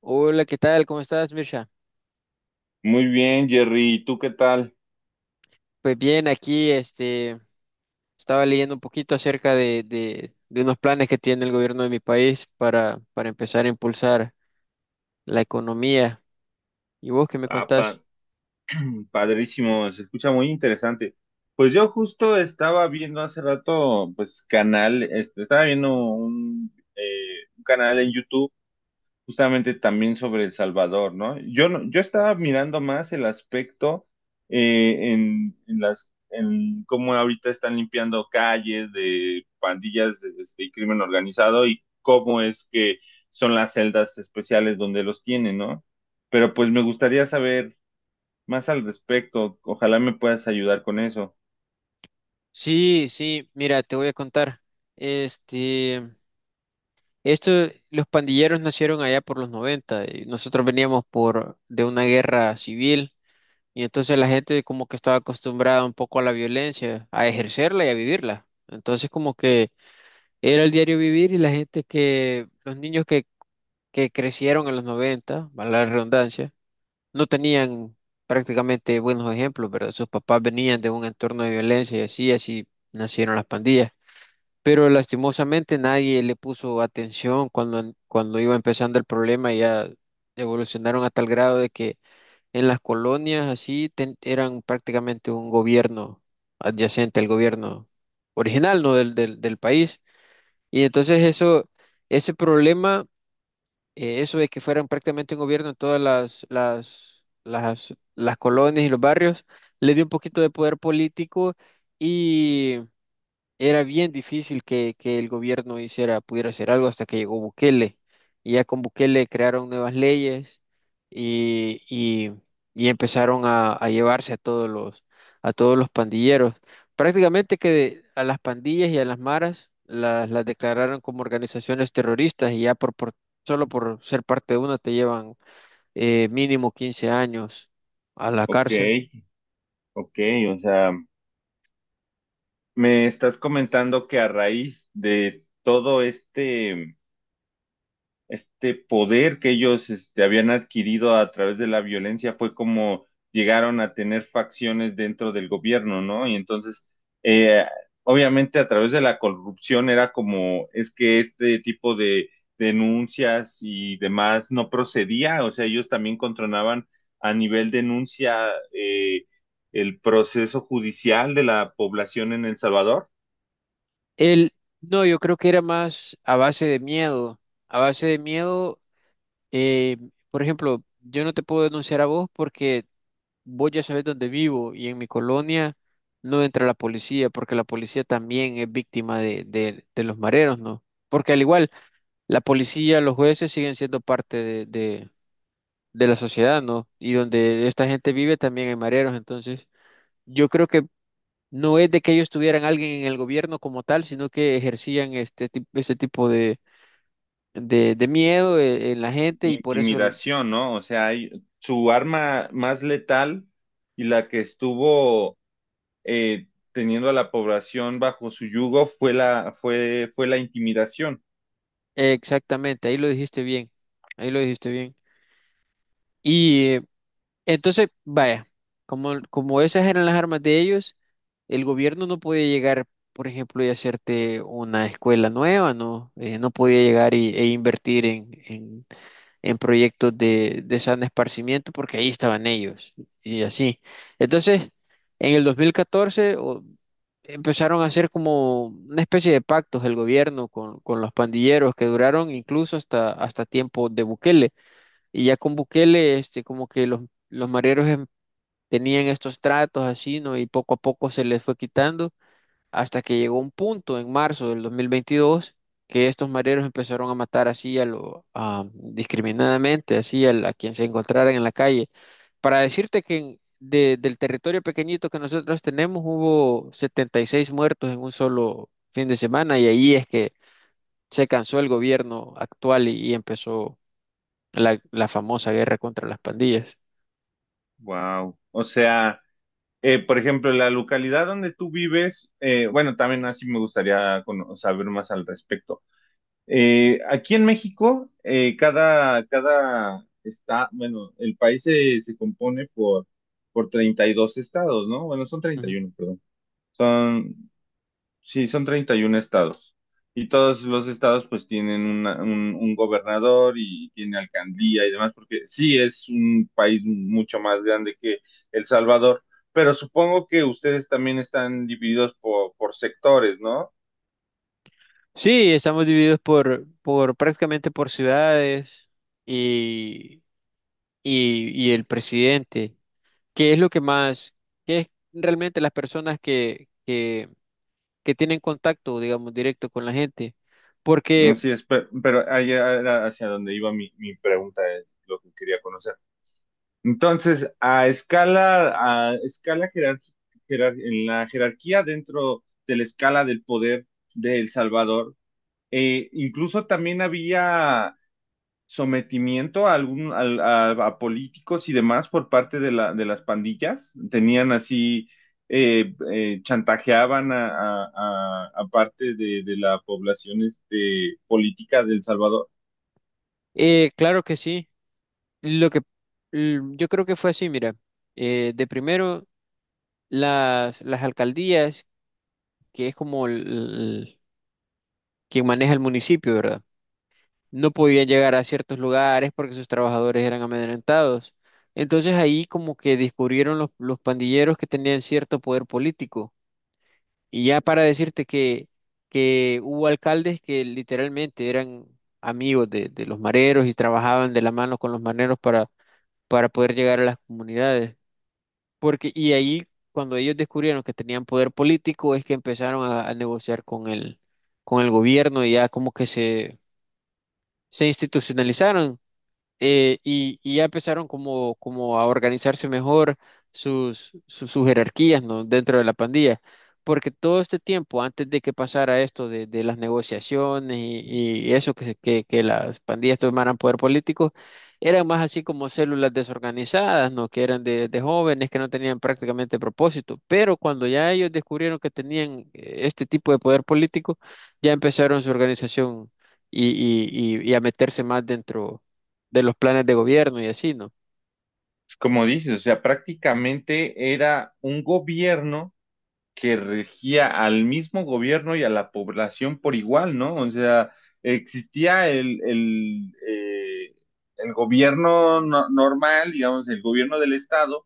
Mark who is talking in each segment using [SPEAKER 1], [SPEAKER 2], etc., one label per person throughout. [SPEAKER 1] Hola, ¿qué tal? ¿Cómo estás, Mirsha?
[SPEAKER 2] Muy bien, Jerry. ¿Y tú qué tal?
[SPEAKER 1] Pues bien, aquí estaba leyendo un poquito acerca de unos planes que tiene el gobierno de mi país para empezar a impulsar la economía. ¿Y vos qué me
[SPEAKER 2] Ah, pa-
[SPEAKER 1] contás?
[SPEAKER 2] Padrísimo, se escucha muy interesante. Pues yo justo estaba viendo hace rato, pues canal, este, estaba viendo un canal en YouTube justamente también sobre El Salvador, ¿no? Yo estaba mirando más el aspecto en cómo ahorita están limpiando calles de pandillas este, y crimen organizado y cómo es que son las celdas especiales donde los tienen, ¿no? Pero pues me gustaría saber más al respecto. Ojalá me puedas ayudar con eso.
[SPEAKER 1] Sí, sí, mira, te voy a contar. Este, esto, los pandilleros nacieron allá por los 90. Y nosotros veníamos por de una guerra civil y entonces la gente como que estaba acostumbrada un poco a la violencia, a ejercerla y a vivirla. Entonces como que era el diario vivir y la gente que, los niños que crecieron en los 90, valga la redundancia, no tenían prácticamente buenos ejemplos, ¿verdad? Sus papás venían de un entorno de violencia y así nacieron las pandillas. Pero lastimosamente nadie le puso atención cuando iba empezando el problema, ya evolucionaron a tal grado de que en las colonias así eran prácticamente un gobierno adyacente al gobierno original, ¿no? del país. Y entonces eso, ese problema, eso de que fueran prácticamente un gobierno en todas las colonias y los barrios, le dio un poquito de poder político y era bien difícil que el gobierno hiciera, pudiera hacer algo hasta que llegó Bukele. Y ya con Bukele crearon nuevas leyes y, y, y empezaron a llevarse a a todos los pandilleros. Prácticamente que a las pandillas y a las maras las declararon como organizaciones terroristas y ya solo por ser parte de una te llevan mínimo 15 años a la
[SPEAKER 2] Ok,
[SPEAKER 1] cárcel.
[SPEAKER 2] ok, o sea, me estás comentando que a raíz de todo este poder que ellos este, habían adquirido a través de la violencia fue como llegaron a tener facciones dentro del gobierno, ¿no? Y entonces, eh, obviamente a través de la corrupción era como, es que este tipo de denuncias y demás no procedía, o sea, ellos también controlaban a nivel denuncia el proceso judicial de la población en El Salvador.
[SPEAKER 1] El, no, yo creo que era más a base de miedo. Eh, por ejemplo, yo no te puedo denunciar a vos porque vos ya sabés dónde vivo y en mi colonia no entra la policía porque la policía también es víctima de los mareros, ¿no? Porque al igual, la policía, los jueces siguen siendo parte de la sociedad, ¿no? Y donde esta gente vive también hay mareros, entonces yo creo que no es de que ellos tuvieran alguien en el gobierno como tal, sino que ejercían ese tipo de miedo en la gente y por eso.
[SPEAKER 2] Intimidación, ¿no? O sea, hay, su arma más letal y la que estuvo eh, teniendo a la población bajo su yugo fue fue la intimidación.
[SPEAKER 1] Exactamente, ahí lo dijiste bien, ahí lo dijiste bien. Y entonces, vaya, como esas eran las armas de ellos, el gobierno no podía llegar, por ejemplo, y hacerte una escuela nueva, ¿no? No podía llegar e invertir en proyectos de sano esparcimiento porque ahí estaban ellos y así. Entonces, en el 2014 empezaron a hacer como una especie de pactos el gobierno con los pandilleros que duraron incluso hasta tiempo de Bukele. Y ya con Bukele, como que los mareros tenían estos tratos así, ¿no? Y poco a poco se les fue quitando hasta que llegó un punto en marzo del 2022 que estos mareros empezaron a matar así a lo discriminadamente, así a quien se encontraran en la calle. Para decirte que del territorio pequeñito que nosotros tenemos hubo 76 muertos en un solo fin de semana y ahí es que se cansó el gobierno actual y empezó la famosa guerra contra las pandillas.
[SPEAKER 2] Wow. O sea, por ejemplo, la localidad donde tú vives, bueno, también así me gustaría cono- saber más al respecto. Aquí en México, cada está, bueno, el país se compone por 32 estados, ¿no? Bueno, son treinta y
[SPEAKER 1] Ujú.
[SPEAKER 2] uno, perdón. Son, sí, son 31 estados. Y todos los estados pues tienen un gobernador y tiene alcaldía y demás, porque sí es un país mucho más grande que El Salvador, pero supongo que ustedes también están divididos por sectores, ¿no?
[SPEAKER 1] Sí, estamos divididos por prácticamente por ciudades y y el presidente. ¿Qué es lo que más, qué es realmente las personas que tienen contacto, digamos, directo con la gente? Porque,
[SPEAKER 2] Pero, allá era hacia donde iba mi pregunta, es lo que quería conocer. Entonces, a escala en la jerarquía dentro de la escala del poder de El Salvador, incluso también había sometimiento a, algún, al- a políticos y demás por parte de, de las pandillas. Tenían así, chantajeaban a parte de la población este, política de El Salvador.
[SPEAKER 1] claro que sí, lo que yo creo que fue así, mira, de primero las alcaldías, que es como quien maneja el municipio, ¿verdad? No podían llegar a ciertos lugares porque sus trabajadores eran amedrentados. Entonces ahí como que descubrieron los pandilleros que tenían cierto poder político. Y ya para decirte que hubo alcaldes que literalmente eran amigos de los mareros y trabajaban de la mano con los mareros para poder llegar a las comunidades. Porque, y ahí, cuando ellos descubrieron que tenían poder político, es que empezaron a negociar con el gobierno y ya como que se institucionalizaron y ya empezaron como a organizarse mejor sus jerarquías, ¿no? dentro de la pandilla. Porque todo este tiempo, antes de que pasara esto de las negociaciones y eso, que las pandillas tomaran poder político, eran más así como células desorganizadas, ¿no? que eran de jóvenes que no tenían prácticamente propósito. Pero cuando ya ellos descubrieron que tenían este tipo de poder político, ya empezaron su organización y, y a meterse más dentro de los planes de gobierno y así, ¿no?
[SPEAKER 2] Como dices, o sea, prácticamente era un gobierno que regía al mismo gobierno y a la población por igual, ¿no? O sea, existía el gobierno normal, digamos, el gobierno del estado,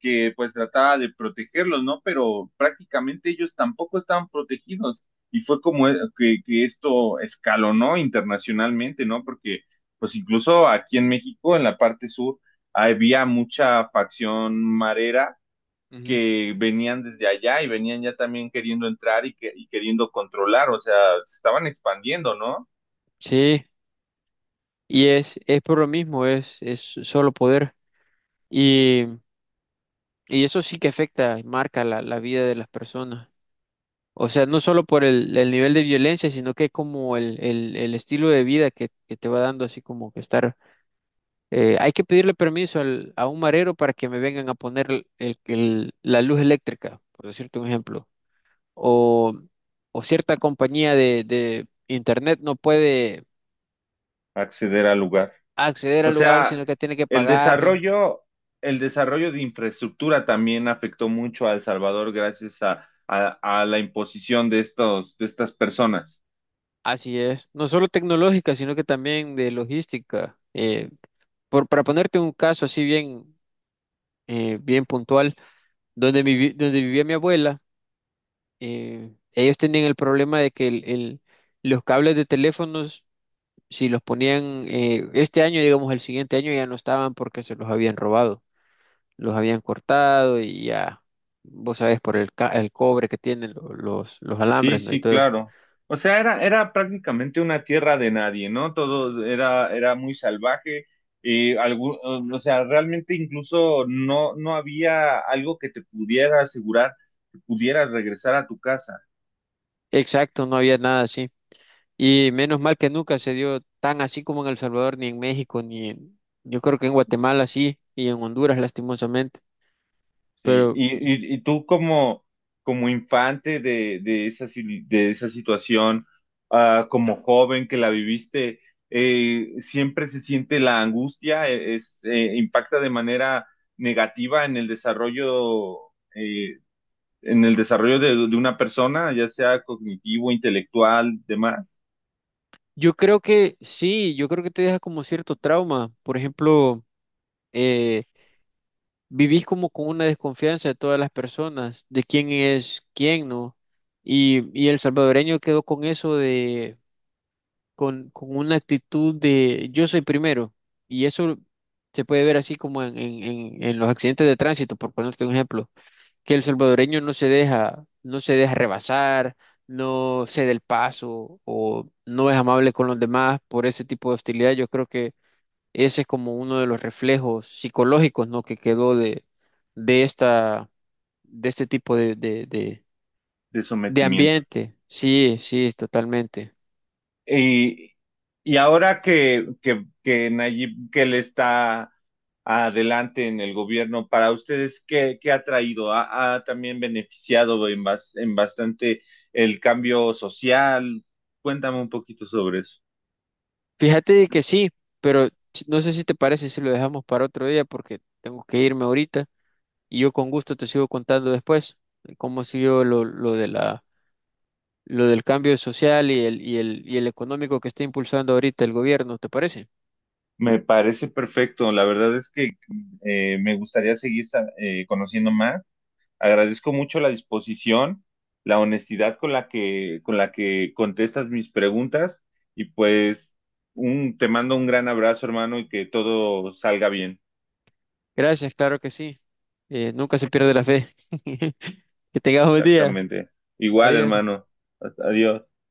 [SPEAKER 2] que pues trataba de protegerlos, ¿no? Pero prácticamente ellos tampoco estaban protegidos. Y fue como que esto escalonó internacionalmente, ¿no? Porque pues incluso aquí en México, en la parte sur, había mucha facción marera
[SPEAKER 1] Ujú.
[SPEAKER 2] que venían desde allá y venían ya también queriendo entrar y queriendo controlar, o sea, se estaban expandiendo, ¿no?
[SPEAKER 1] Sí, y es por lo mismo, es solo poder. Y, y eso sí que afecta y marca la vida de las personas. O sea, no solo por el nivel de violencia, sino que como el estilo de vida que te va dando, así como que estar. Hay que pedirle permiso a un marero para que me vengan a poner la luz eléctrica, por decirte un ejemplo. O, o cierta compañía de internet no puede
[SPEAKER 2] Acceder al lugar.
[SPEAKER 1] acceder
[SPEAKER 2] O
[SPEAKER 1] al lugar,
[SPEAKER 2] sea,
[SPEAKER 1] sino que tiene que
[SPEAKER 2] el
[SPEAKER 1] pagarle.
[SPEAKER 2] desarrollo, el desarrollo de infraestructura también afectó mucho a El Salvador gracias a, a la imposición de estos, de estas personas.
[SPEAKER 1] Así es. No solo tecnológica, sino que también de logística. Para ponerte un caso así bien, bien puntual, donde vivía mi abuela, ellos tenían el problema de que los cables de teléfonos, si los ponían este año, digamos el siguiente año, ya no estaban porque se los habían robado, los habían cortado y ya, vos sabés, por el cobre que tienen los
[SPEAKER 2] Sí,
[SPEAKER 1] alambres, ¿no? Y
[SPEAKER 2] sí,
[SPEAKER 1] todo eso.
[SPEAKER 2] claro. O sea, era prácticamente una tierra de nadie, ¿no? Todo era muy salvaje. Y algún, o sea, realmente incluso no había algo que te pudiera asegurar que pudieras regresar a tu casa.
[SPEAKER 1] Exacto, no había nada así. Y menos mal que nunca se dio tan así como en El Salvador, ni en México, ni en, yo creo que en Guatemala sí, y en Honduras lastimosamente.
[SPEAKER 2] Sí,
[SPEAKER 1] Pero
[SPEAKER 2] y tú como, como infante de esa, si- de esa situación, ah, como joven que la viviste, siempre se siente la angustia. Impacta de manera negativa eh, en el desarrollo de una persona, ya sea cognitivo, intelectual, demás,
[SPEAKER 1] yo creo que sí, yo creo que te deja como cierto trauma. Por ejemplo, eh, vivís como con una desconfianza de todas las personas, de quién es quién, ¿no? Y el salvadoreño quedó con eso con una actitud de yo soy primero. Y eso se puede ver así como en, en los accidentes de tránsito, por ponerte un ejemplo que el salvadoreño no se deja rebasar, no cede el paso o no es amable con los demás por ese tipo de hostilidad. Yo creo que ese es como uno de los reflejos psicológicos, ¿no? que quedó de esta, de este tipo de, de, de,
[SPEAKER 2] de
[SPEAKER 1] de
[SPEAKER 2] sometimiento.
[SPEAKER 1] ambiente. Sí, sí, totalmente.
[SPEAKER 2] Y, y ahora que, que Nayib Bukele está adelante en el gobierno, para ustedes, ¿qué, qué ha traído? ¿Ha, ha también beneficiado en, en bastante el cambio social? Cuéntame un poquito sobre eso.
[SPEAKER 1] Fíjate de que sí, pero no sé si te parece si lo dejamos para otro día porque tengo que irme ahorita y yo con gusto te sigo contando después cómo siguió lo de la lo del cambio social y el económico que está impulsando ahorita el gobierno, ¿te parece?
[SPEAKER 2] Me parece perfecto. La verdad es que me gustaría seguir conociendo más. Agradezco mucho la disposición, la honestidad con la que contestas mis preguntas y pues te mando un gran abrazo, hermano, y que todo salga bien.
[SPEAKER 1] Gracias, claro que sí. Nunca se pierde la fe. Que tengas un buen día.
[SPEAKER 2] Exactamente. Igual,
[SPEAKER 1] Adiós.
[SPEAKER 2] hermano. Adiós.